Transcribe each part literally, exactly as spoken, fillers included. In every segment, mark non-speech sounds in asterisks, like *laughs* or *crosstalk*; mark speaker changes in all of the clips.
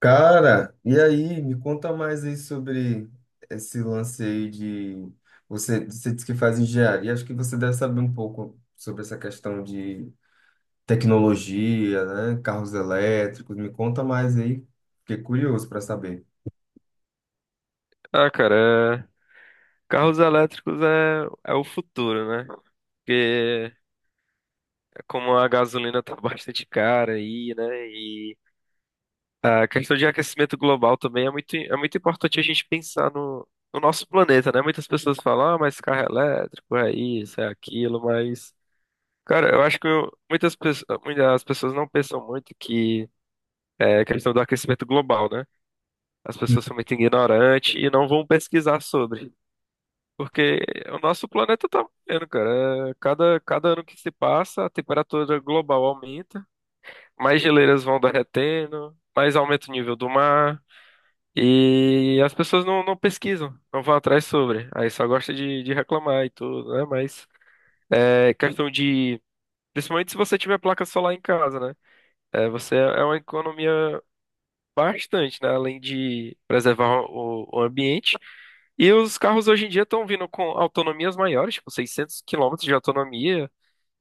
Speaker 1: Cara, e aí, me conta mais aí sobre esse lance aí de você, você disse que faz engenharia, acho que você deve saber um pouco sobre essa questão de tecnologia, né? Carros elétricos. Me conta mais aí, fiquei curioso para saber.
Speaker 2: Ah, cara, é- carros elétricos é, é o futuro, né? Porque é como a gasolina tá *laughs* bastante cara aí, né? E a questão de aquecimento global também é muito, é muito importante a gente pensar no, no nosso planeta, né? Muitas pessoas falam, ah, mas carro elétrico é isso, é aquilo, mas, cara, eu acho que eu- muitas, pessoas muitas pessoas não pensam muito que é questão do aquecimento global, né? As pessoas são muito ignorantes e não vão pesquisar sobre. Porque o nosso planeta tá morrendo, cara. É, Cada, cada ano que se passa, a temperatura global aumenta, mais geleiras vão derretendo, mais aumenta o nível do mar, e as pessoas não, não pesquisam, não vão atrás sobre. Aí só gosta de, de reclamar e tudo, né? Mas é questão de. Principalmente se você tiver placa solar em casa, né? É, você é é uma economia bastante, né? Além de preservar o, o ambiente. E os carros hoje em dia estão vindo com autonomias maiores, tipo seiscentos quilômetros de autonomia,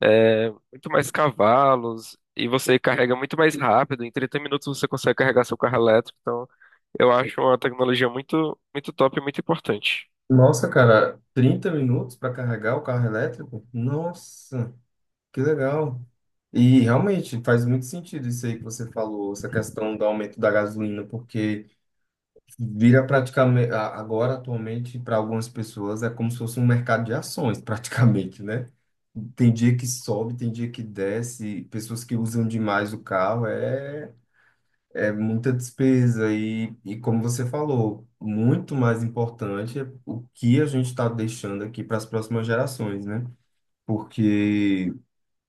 Speaker 2: é, muito mais cavalos, e você carrega muito mais rápido. Em trinta minutos você consegue carregar seu carro elétrico. Então, eu acho uma tecnologia muito, muito top e muito importante.
Speaker 1: Nossa, cara, trinta minutos para carregar o carro elétrico? Nossa, que legal. E realmente faz muito sentido isso aí que você falou, essa questão do aumento da gasolina. Vira praticamente, a- agora atualmente, para algumas pessoas, é como se fosse um mercado de ações, *laughs* praticamente, né? Tem dia que sobe, tem dia que desce, pessoas que usam demais o carro, é é muita despesa. E, e como você falou, muito mais importante é o que a gente está deixando aqui para as próximas gerações, né? Porque,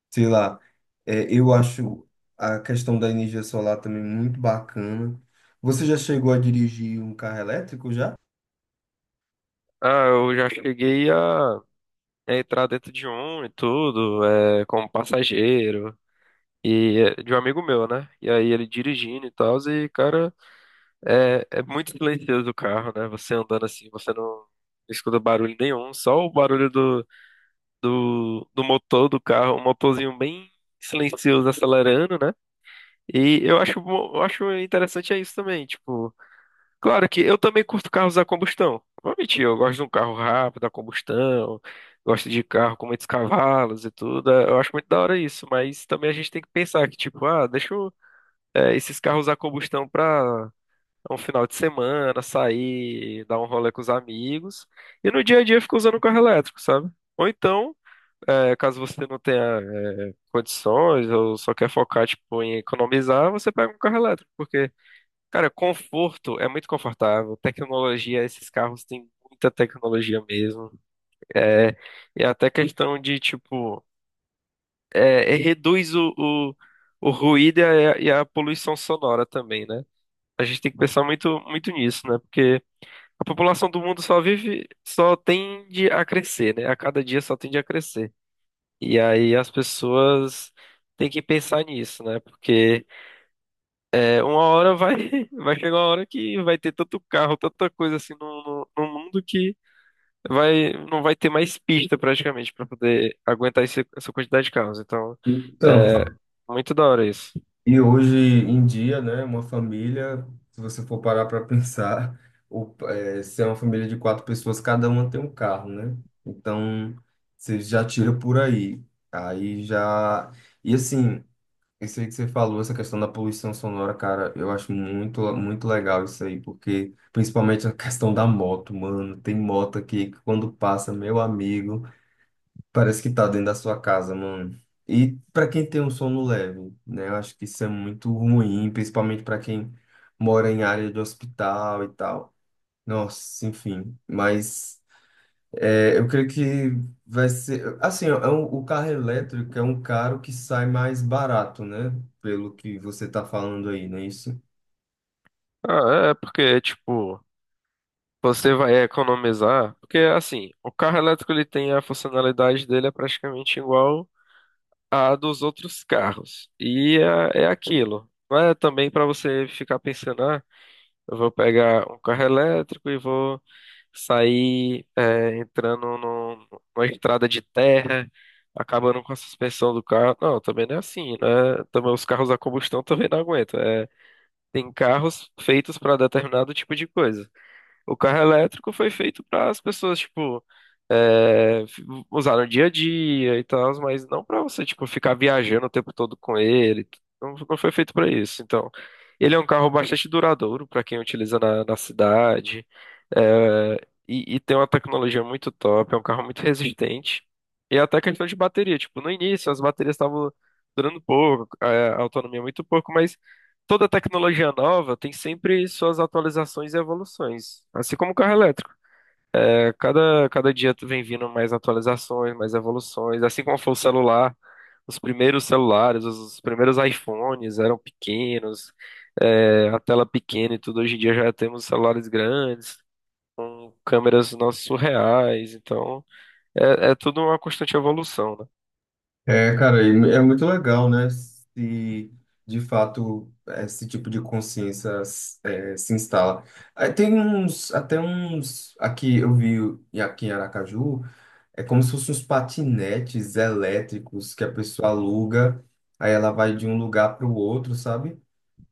Speaker 1: sei lá, é, eu acho a questão da energia solar também muito bacana. Você já chegou a dirigir um carro elétrico já?
Speaker 2: Ah, eu já cheguei a, a entrar dentro de um e tudo, é, como passageiro, e é, de um amigo meu, né? E aí ele dirigindo e tal, e, cara. É, é muito silencioso o carro, né? Você andando assim, você não escuta barulho nenhum, só o barulho do, do, do motor do carro, um motorzinho bem silencioso acelerando, né? E eu acho, bom- eu acho interessante é isso também, tipo, claro que eu também curto carros a combustão. Não vou mentir, eu gosto de um carro rápido, a combustão, gosto de carro com muitos cavalos e tudo. é, Eu acho muito da hora isso, mas também a gente tem que pensar que, tipo, ah, deixa eu, eh, esses carros a combustão pra um final de semana, sair, dar um rolê com os amigos. E no dia a dia fica usando o carro elétrico, sabe? Ou então, é, caso você não tenha, é, condições ou só quer focar, tipo, em economizar, você pega um carro elétrico. Porque, cara, conforto é muito confortável. Tecnologia, esses carros têm muita tecnologia mesmo. É, e até questão de, tipo, é, é, reduz o, o, o ruído e a, e a poluição sonora também, né? A gente tem que pensar muito, muito nisso, né? Porque a população do mundo só vive, só tende a crescer, né? A cada dia só tende a crescer. E aí as pessoas têm que pensar nisso, né? Porque é, uma hora vai, *laughs* vai chegar uma hora que vai ter tanto carro, tanta coisa assim no, no, no mundo que vai, não vai ter mais pista praticamente para poder aguentar esse- essa quantidade de carros. Então,
Speaker 1: Então,
Speaker 2: é muito da hora isso.
Speaker 1: e hoje em dia, né, uma família, se você for parar para pensar, o, é, se é uma família de quatro pessoas, cada uma tem um carro, né? Então, você já tira por aí. Aí já. E assim, isso aí que você falou, essa questão da poluição sonora, cara, eu acho muito, muito legal isso aí, porque principalmente a questão da moto, mano. Tem moto aqui que quando passa, meu amigo. Parece que tá dentro da sua casa, mano. E pra quem tem um sono leve, né? Eu acho que isso é muito ruim, principalmente pra quem mora em área de hospital e tal. Nossa, enfim. Mas é, eu creio que vai ser. Assim, ó, é um- o carro elétrico é um carro que sai mais barato, né? Pelo que você tá falando aí, né?
Speaker 2: Ah, é é porque, tipo. Você vai economizar, porque assim, o carro elétrico ele tem a funcionalidade dele é praticamente igual à dos outros carros. E é, é aquilo. Não é também para você ficar pensando, ah, eu vou pegar um carro elétrico e vou sair é, entrando no, numa estrada de terra, acabando com a suspensão do carro. Não, também não é assim, né? Também os carros a combustão também não aguentam. É, tem carros feitos para determinado tipo de coisa. O carro elétrico foi feito para as pessoas, tipo, é, f- usar no dia a dia e tal, mas não para você, tipo, ficar viajando o tempo todo com ele. Não, não foi feito para isso. Então, ele é um carro bastante duradouro para quem utiliza na, na cidade. é, e, e tem uma tecnologia muito top, é um carro muito resistente. E é até questão de bateria, tipo, no início as baterias estavam durando pouco, a a autonomia muito pouco, mas toda tecnologia nova tem sempre suas atualizações e evoluções, assim como o carro elétrico. É, cada, cada dia tu vem vindo mais atualizações, mais evoluções, assim como foi o celular. Os primeiros celulares, os os primeiros iPhones eram pequenos, é, a tela pequena e tudo. Hoje em dia já temos celulares grandes, câmeras nossas surreais, então é, é tudo uma constante evolução, né?
Speaker 1: É, cara, e é muito legal, né? Se de fato esse tipo de consciência é, se instala. Aí tem uns, até uns, aqui eu vi e aqui em Aracaju, é como se fossem uns patinetes elétricos que a pessoa aluga, aí ela vai de um lugar para o outro, sabe?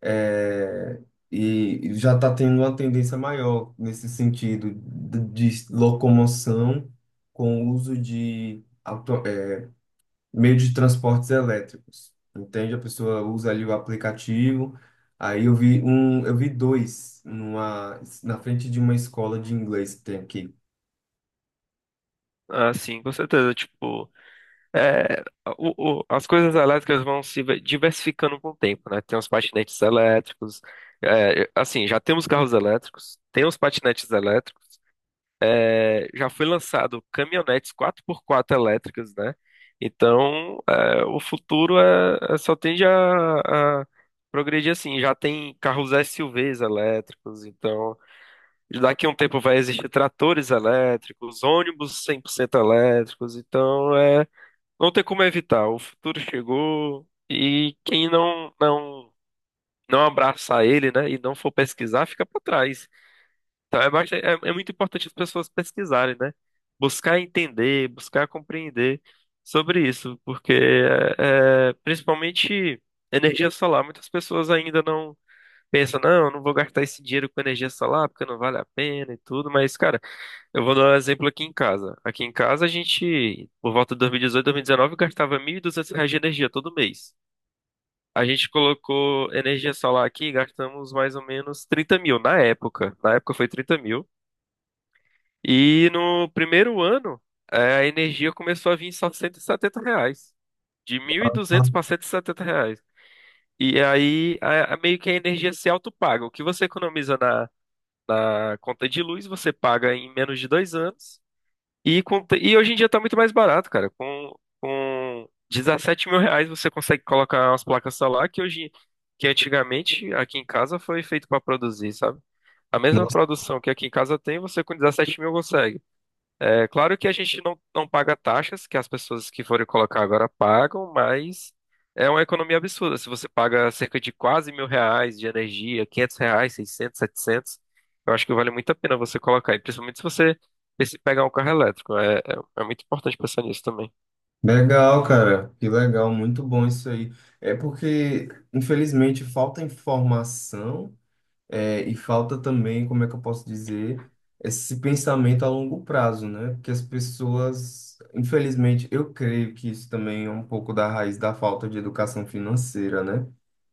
Speaker 1: É, e já está tendo uma tendência maior nesse sentido de de locomoção com o uso de auto, é, meio de transportes elétricos. Entende? A pessoa usa ali o aplicativo. Aí eu vi um, eu vi dois numa, na frente de uma escola de inglês que tem aqui.
Speaker 2: Ah, sim, com certeza. Tipo, é, o- o- as coisas elétricas vão se ve- diversificando com o tempo, né? Tem os patinetes elétricos, é, assim, já temos carros elétricos, tem os patinetes elétricos, é, já foi lançado caminhonetes quatro por quatro elétricas, né? Então, é, o futuro é, é- só tende a, a progredir assim. Já tem carros S U Vs elétricos, então daqui a um tempo vai existir tratores elétricos, ônibus cem por cento elétricos, então é, não tem como evitar. O futuro chegou e quem não não não abraçar ele, né, e não for pesquisar, fica para trás. Então é, basta- é, é muito importante as pessoas pesquisarem, né? Buscar entender, buscar compreender sobre isso, porque é, é, principalmente energia solar, muitas pessoas ainda não pensam, não, eu não vou gastar esse dinheiro com energia solar porque não vale a pena e tudo, mas cara, eu vou dar um exemplo aqui em casa. Aqui em casa, a gente, por volta de dois mil e dezoito, dois mil e dezenove, gastava mil e duzentos reais de energia todo mês. A gente colocou energia solar aqui e gastamos mais ou menos trinta mil na época. Na época foi trinta mil. E no primeiro ano, eh, a energia começou a vir só cento e setenta reais. De mil e duzentos para cento e setenta reais. E aí, a- a- meio que a energia se autopaga. O que você economiza na na conta de luz, você paga em menos de dois anos. E, com, e hoje em dia tá muito mais barato, cara. Com, com dezessete mil reais você consegue colocar umas placas solar que hoje, que antigamente aqui em casa foi feito para produzir, sabe? A mesma
Speaker 1: Nossa,
Speaker 2: produção que aqui em casa tem, você com dezessete mil consegue. É claro que a gente não, não paga taxas que as pessoas que forem colocar agora pagam, mas é uma economia absurda. Se você paga cerca de quase mil reais de energia, quinhentos reais, seiscentos, setecentos, eu acho que vale muito a pena você colocar. E principalmente se você se pegar um carro elétrico. É, é, é muito importante pensar nisso também.
Speaker 1: legal, cara. Que legal, muito bom isso aí. É porque, infelizmente, falta informação, é, e falta também, como é que eu posso dizer, esse pensamento a longo prazo, né? Porque as pessoas, infelizmente, eu creio que isso também é um pouco da raiz da falta de educação financeira, né?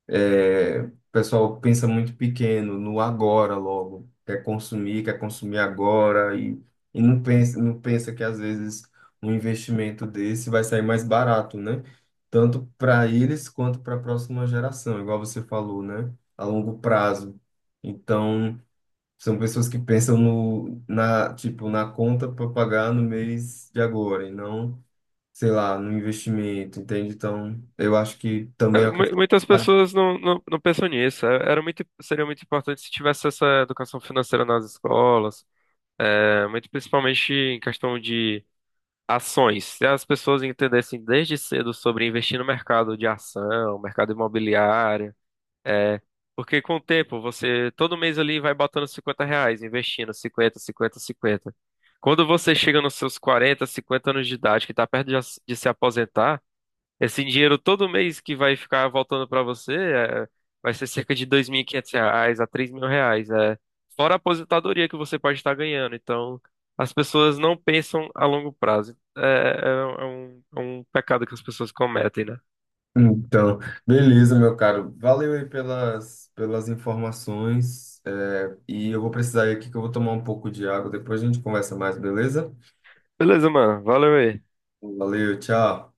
Speaker 1: É, o pessoal pensa muito pequeno, no agora logo. Quer consumir, quer consumir agora e, e não pensa, não pensa que às vezes um investimento desse vai sair mais barato, né? Tanto para eles quanto para a próxima geração, igual você falou, né? A longo prazo. Então, são pessoas que pensam no, na, tipo, na conta para pagar no mês de agora e não, sei lá, no investimento, entende? Então, eu acho que também é
Speaker 2: É,
Speaker 1: uma.
Speaker 2: mu- Muitas pessoas não, não, não pensam nisso. É, era muito, seria muito importante se tivesse essa educação financeira nas escolas, é, muito principalmente em questão de ações. Se as pessoas entendessem desde cedo sobre investir no mercado de ação, mercado imobiliário, é, porque com o tempo você todo mês ali vai botando cinquenta reais, investindo cinquenta cinquenta cinquenta Quando você chega nos seus quarenta cinquenta anos de idade, que está perto de, as- de se aposentar, esse dinheiro todo mês que vai ficar voltando para você é, vai ser cerca de dois mil e quinhentos reais a três mil reais. É, fora a aposentadoria que você pode estar ganhando. Então, as pessoas não pensam a longo prazo. É, é é um, é um pecado que as pessoas cometem, né?
Speaker 1: Então, beleza, meu caro. Valeu aí pelas, pelas informações. É, e eu vou precisar ir aqui que eu vou tomar um pouco de água. Depois a gente conversa mais, beleza?
Speaker 2: Beleza, mano. Valeu aí.
Speaker 1: Valeu, tchau.